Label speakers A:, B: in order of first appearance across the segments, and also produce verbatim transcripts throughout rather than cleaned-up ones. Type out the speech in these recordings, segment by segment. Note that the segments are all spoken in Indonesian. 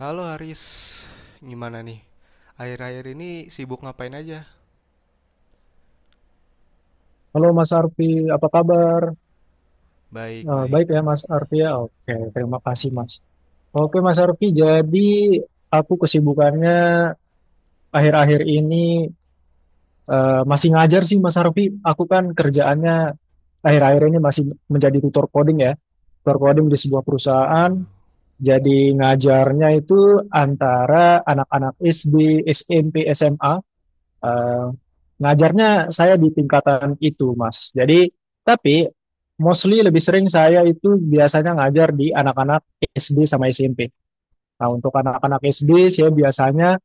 A: Halo Haris, gimana nih? Akhir-akhir ini sibuk ngapain aja?
B: Halo Mas Arfi, apa kabar?
A: Baik,
B: Eh,
A: baik.
B: baik ya Mas Arfi ya. Oke, terima kasih Mas. Oke Mas Arfi, jadi aku kesibukannya akhir-akhir ini eh, masih ngajar sih Mas Arfi. Aku kan kerjaannya akhir-akhir ini masih menjadi tutor coding ya. Tutor coding di sebuah perusahaan.
A: Waduh.
B: Jadi ngajarnya itu antara anak-anak S D, S M P, S M A. Eh, Ngajarnya saya di tingkatan itu, Mas. Jadi, tapi mostly lebih sering saya itu biasanya ngajar di anak-anak S D sama S M P. Nah, untuk anak-anak S D, saya biasanya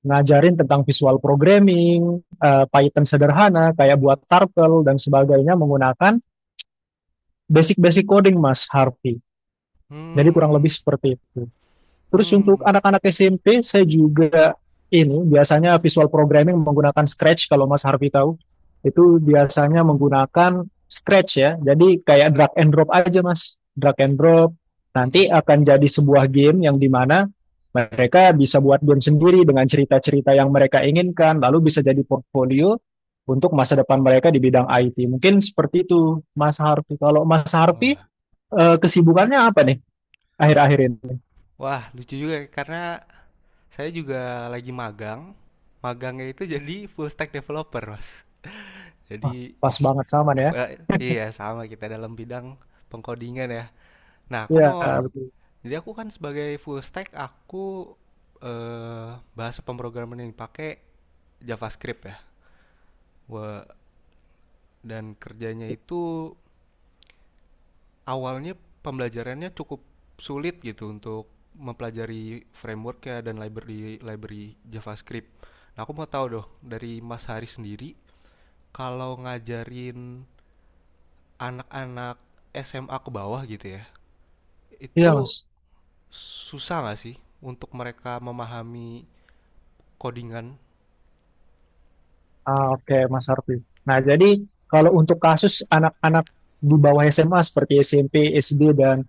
B: ngajarin tentang visual programming, eh, Python sederhana, kayak buat turtle dan sebagainya menggunakan basic-basic coding, Mas Harvey. Jadi kurang lebih
A: Hmm,
B: seperti itu. Terus untuk
A: hmm,
B: anak-anak S M P, saya juga ini biasanya visual programming menggunakan Scratch kalau Mas Harvey tahu. Itu
A: hmm, hmm.
B: biasanya menggunakan Scratch ya. Jadi kayak drag and drop aja Mas. Drag and drop.
A: hmm.
B: Nanti akan jadi sebuah game yang dimana mereka bisa buat game sendiri dengan cerita-cerita yang mereka inginkan. Lalu bisa jadi portfolio untuk masa depan mereka di bidang I T. Mungkin seperti itu Mas Harvey. Kalau Mas Harvey,
A: Wah,
B: eh, kesibukannya apa nih akhir-akhir ini?
A: wah lucu juga ya, karena saya juga lagi magang. Magangnya itu jadi full stack developer, Mas.
B: Wah,
A: Jadi
B: pas banget sama ya.
A: pe- iya sama kita dalam bidang pengkodingan ya. Nah, aku
B: Iya,
A: mau
B: betul.
A: jadi aku kan sebagai full stack aku eh bahasa pemrograman yang dipakai JavaScript ya. Wah, dan kerjanya itu awalnya pembelajarannya cukup sulit gitu untuk mempelajari framework-nya dan library library JavaScript. Nah, aku mau tahu dong dari Mas Hari sendiri kalau ngajarin anak-anak S M A ke bawah gitu ya,
B: Iya, Mas.
A: itu susah nggak sih untuk mereka memahami codingan?
B: Ah, oke, Mas Harfi. Nah, jadi kalau untuk kasus anak-anak di bawah S M A seperti S M P, S D, dan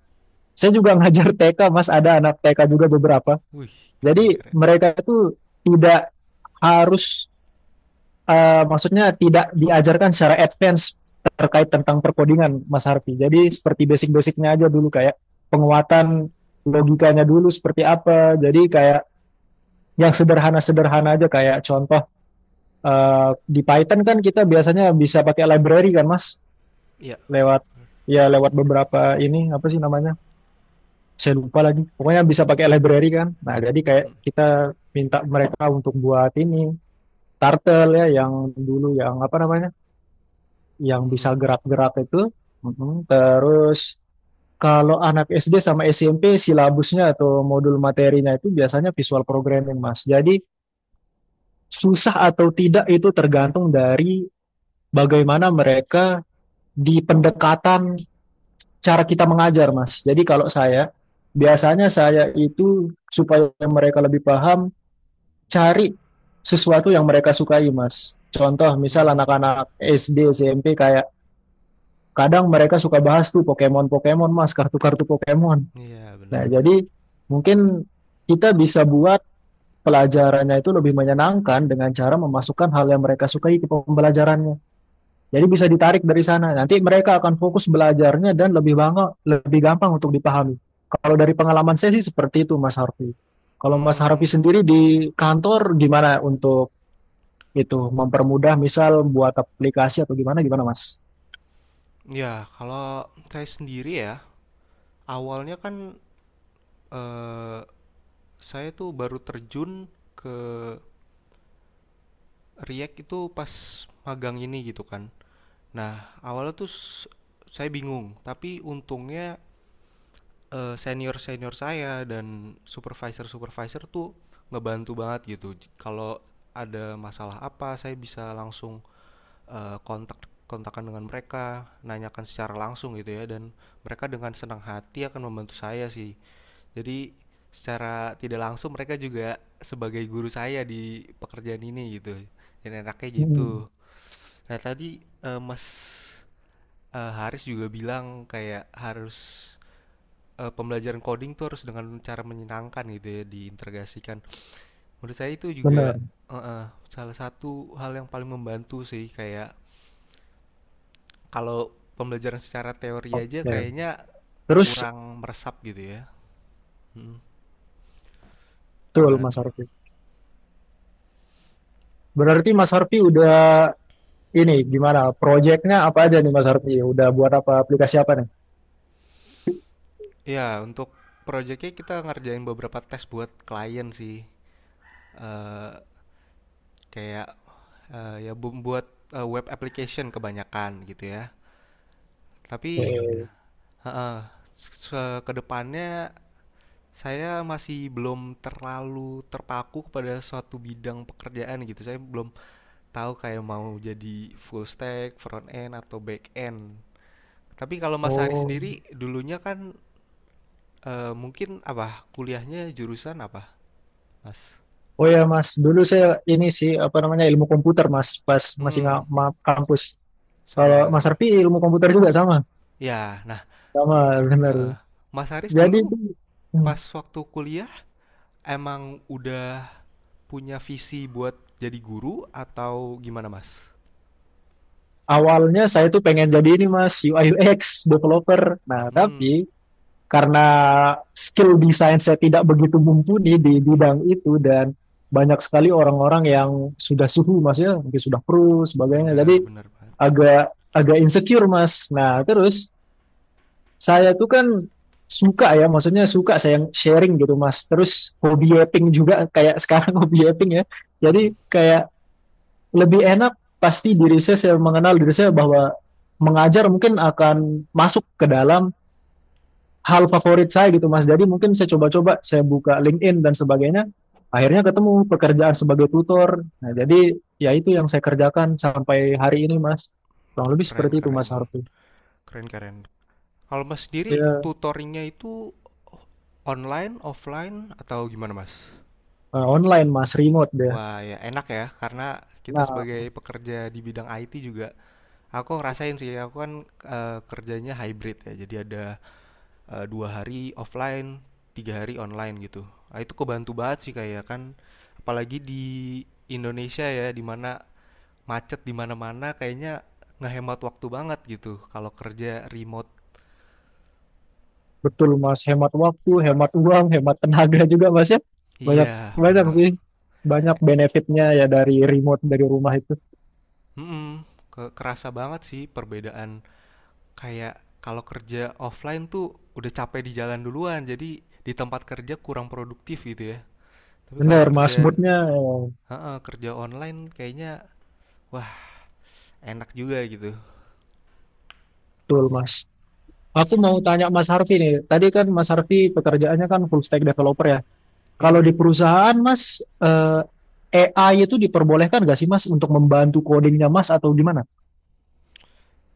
B: saya juga ngajar T K, Mas. Ada anak T K juga beberapa.
A: Wih, keren
B: Jadi
A: keren.
B: mereka itu tidak harus, eh, maksudnya tidak diajarkan secara advance terkait tentang perkodingan, Mas Harfi. Jadi seperti basic-basicnya aja dulu, kayak penguatan logikanya dulu seperti apa. Jadi kayak yang sederhana-sederhana aja, kayak contoh eh, di Python kan kita biasanya bisa pakai library kan Mas,
A: Iya.
B: lewat ya lewat beberapa ini apa sih namanya, saya lupa lagi pokoknya bisa pakai library kan. Nah jadi kayak
A: Hmm,
B: kita minta mereka untuk buat ini turtle ya, yang dulu yang apa namanya, yang bisa
A: hmm,
B: gerak-gerak itu. Mhm. Terus kalau anak S D sama S M P silabusnya atau modul materinya itu biasanya visual programming Mas. Jadi susah atau tidak itu tergantung dari bagaimana mereka di pendekatan cara kita mengajar, Mas. Jadi kalau saya, biasanya saya itu supaya mereka lebih paham, cari sesuatu yang mereka sukai, Mas. Contoh, misal
A: hmm.
B: anak-anak S D, S M P kayak kadang mereka suka bahas tuh Pokemon-Pokemon, Mas, kartu-kartu Pokemon.
A: Iya benar.
B: Nah, jadi mungkin kita bisa buat pelajarannya itu lebih menyenangkan dengan cara memasukkan hal yang mereka sukai ke pembelajarannya. Jadi bisa ditarik dari sana. Nanti mereka akan fokus belajarnya dan lebih bangga, lebih gampang untuk dipahami. Kalau dari pengalaman saya sih seperti itu, Mas Harfi. Kalau Mas Harfi
A: Hmm,
B: sendiri di kantor gimana untuk itu mempermudah misal buat aplikasi atau gimana gimana, Mas?
A: ya kalau saya sendiri ya awalnya kan eh, saya tuh baru terjun ke React itu pas magang ini gitu kan. Nah, awalnya tuh s- saya bingung, tapi untungnya eh, senior-senior saya dan supervisor-supervisor tuh ngebantu banget gitu. J- Kalau ada masalah apa, saya bisa langsung eh, kontak kontakan dengan mereka, nanyakan secara langsung gitu ya, dan mereka dengan senang hati akan membantu saya sih. Jadi secara tidak langsung mereka juga sebagai guru saya di pekerjaan ini gitu. Dan enaknya
B: Mm,
A: gitu. Nah tadi eh, Mas eh, Haris juga bilang kayak harus eh, pembelajaran coding tuh harus dengan cara menyenangkan gitu ya diintegrasikan. Menurut saya itu juga
B: benar.
A: eh, eh, salah satu hal yang paling membantu sih kayak kalau pembelajaran secara teori aja
B: Oke.
A: kayaknya
B: Terus
A: kurang meresap gitu ya. Mm.
B: betul,
A: Gimana
B: Mas
A: tuh?
B: Harfi. Berarti Mas Harfi udah ini gimana? Proyeknya apa aja nih, Mas Harfi? Udah buat apa aplikasi apa nih?
A: Iya, untuk proyeknya kita ngerjain beberapa tes buat klien sih. Eh kayak eh, ya bu- buat eh, web application kebanyakan gitu ya. Tapi
B: Oke.
A: heeh, se- ke depannya saya masih belum terlalu terpaku kepada suatu bidang pekerjaan gitu. Saya belum tahu kayak mau jadi full stack, front end atau back end. Tapi kalau Mas Hari
B: Oh.
A: sendiri dulunya kan eh, mungkin apa? Kuliahnya jurusan apa, Mas?
B: Oh ya Mas, dulu saya ini sih apa namanya ilmu komputer Mas, pas masih nggak
A: Hmm,
B: ma- kampus. Kalau
A: sama
B: Mas
A: dong ya.
B: Arfi ilmu komputer juga sama,
A: Ya, nah,
B: sama
A: heeh.
B: bener.
A: Mas Haris
B: Jadi
A: dulu
B: itu, hmm,
A: pas waktu kuliah emang udah punya visi buat jadi guru atau gimana, Mas?
B: awalnya saya tuh pengen jadi ini Mas U I U X developer. Nah
A: Hmm,
B: tapi karena skill desain saya tidak begitu mumpuni di bidang itu dan banyak sekali orang-orang yang sudah suhu Mas ya, mungkin sudah pro sebagainya.
A: benar
B: Jadi
A: benar banget.
B: agak agak insecure Mas. Nah terus saya tuh kan suka ya, maksudnya suka saya sharing gitu Mas. Terus hobi yapping juga kayak sekarang hobi yapping ya.
A: Mhm.
B: Jadi kayak lebih enak pasti diri saya, saya mengenal diri saya bahwa mengajar mungkin akan masuk ke dalam hal favorit saya gitu Mas. Jadi mungkin saya coba-coba, saya buka LinkedIn dan sebagainya. Akhirnya ketemu pekerjaan sebagai tutor. Nah, jadi ya itu yang saya kerjakan sampai hari ini Mas. Kurang lebih
A: Keren
B: seperti itu Mas
A: keren.
B: Harfi.
A: Keren keren. Kalau Mas sendiri
B: Ya,
A: tutoringnya itu online, offline atau gimana, Mas?
B: eh, online Mas, remote deh.
A: Wah, ya enak ya, karena kita
B: Nah,
A: sebagai pekerja di bidang I T juga, aku ngerasain sih, aku kan eh, kerjanya hybrid ya, jadi ada eh, dua hari offline, tiga hari online gitu. Nah, itu kebantu banget sih kayak kan, apalagi di Indonesia ya, di mana macet di mana-mana, kayaknya ngehemat waktu banget gitu kalau kerja remote.
B: betul Mas, hemat waktu, hemat uang, hemat tenaga juga Mas ya. Banyak
A: Iya,
B: banyak
A: bener.
B: sih, banyak benefitnya ya dari remote dari rumah itu.
A: Mm-mm. Ke- kerasa banget sih perbedaan kayak kalau kerja offline tuh udah capek di jalan duluan, jadi di tempat kerja kurang produktif gitu ya. Tapi kalau
B: Benar Mas,
A: kerja,
B: moodnya eh,
A: heeh, kerja online kayaknya wah enak juga gitu.
B: betul Mas. Aku mau tanya Mas Harfi nih, tadi kan Mas Harfi pekerjaannya kan full stack developer ya. Kalau di perusahaan Mas, eh, A I itu diperbolehkan nggak sih Mas untuk membantu codingnya Mas atau gimana?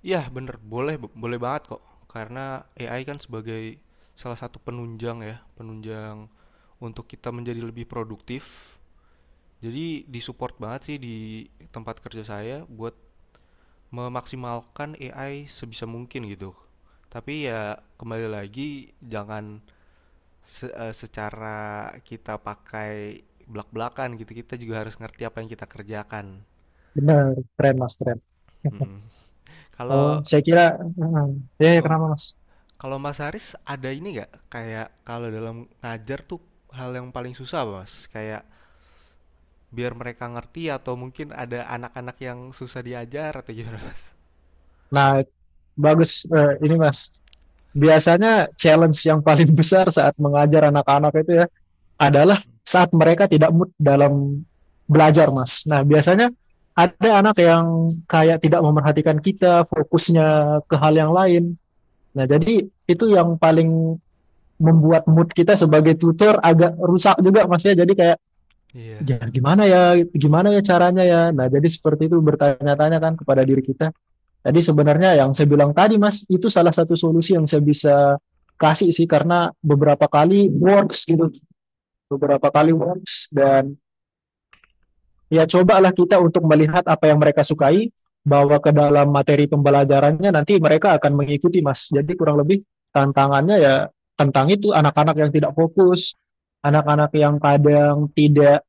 A: Iya bener, boleh boleh banget kok. Karena A I kan sebagai salah satu penunjang ya, penunjang untuk kita menjadi lebih produktif. Jadi disupport banget sih di tempat kerja saya buat memaksimalkan A I sebisa mungkin gitu. Tapi ya kembali lagi jangan se- eh, secara kita pakai belak-belakan gitu. Kita juga harus ngerti apa yang kita kerjakan.
B: Benar, keren Mas, keren.
A: Mm-mm.
B: Oh,
A: Kalau
B: saya kira, eh, eh, ya ya, kenapa Mas?
A: Kalau Mas Haris ada ini nggak kayak kalau dalam ngajar tuh hal yang paling susah Mas? Kayak biar mereka ngerti atau mungkin ada anak-anak yang susah diajar atau gimana Mas?
B: Nah, bagus eh, ini Mas. Biasanya challenge yang paling besar saat mengajar anak-anak itu ya adalah saat mereka tidak mood dalam belajar, Mas. Nah, biasanya ada anak yang kayak tidak memperhatikan kita, fokusnya ke hal yang lain. Nah, jadi itu yang paling membuat mood kita sebagai tutor agak rusak juga Mas ya. Jadi kayak
A: Iya,
B: ya gimana ya, gimana ya caranya ya. Nah, jadi seperti itu bertanya-tanya kan kepada diri kita, jadi sebenarnya yang saya bilang tadi Mas, itu salah satu solusi yang saya bisa kasih sih karena beberapa kali works gitu, beberapa kali works dan ya cobalah kita untuk melihat apa yang mereka sukai, bawa ke dalam materi pembelajarannya nanti mereka akan mengikuti Mas. Jadi kurang lebih tantangannya ya tentang itu anak-anak yang tidak fokus, anak-anak yang kadang tidak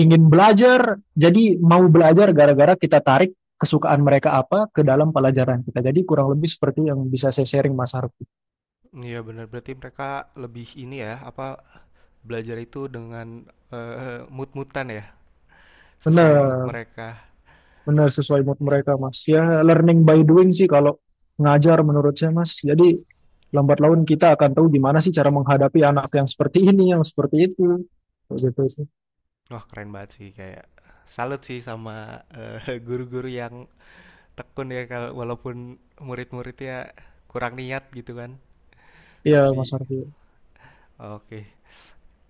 B: ingin belajar, jadi mau belajar gara-gara kita tarik kesukaan mereka apa ke dalam pelajaran kita. Jadi kurang lebih seperti yang bisa saya sharing Mas Harfi.
A: iya benar. Berarti mereka lebih ini ya, apa belajar itu dengan eh, mood-moodan ya, sesuai mood
B: Benar,
A: mereka.
B: benar sesuai mood
A: Mm-mm.
B: mereka Mas. Ya learning by doing sih kalau ngajar menurut saya Mas. Jadi lambat laun kita akan tahu gimana sih cara menghadapi anak yang seperti ini, yang seperti itu. Kayak gitu sih.
A: Wah keren banget sih kayak salut sih sama eh, guru-guru yang tekun ya kalau walaupun murid-muridnya kurang niat gitu kan.
B: Iya
A: Tapi
B: Mas Harfi.
A: oke.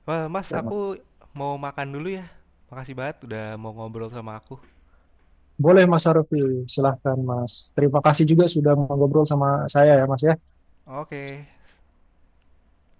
A: Wah, Mas,
B: Ya,
A: aku mau makan dulu ya. Makasih banget udah mau ngobrol sama aku.
B: boleh Mas Harfi, silahkan Mas. Terima kasih juga sudah mengobrol sama saya ya Mas ya.
A: Oke.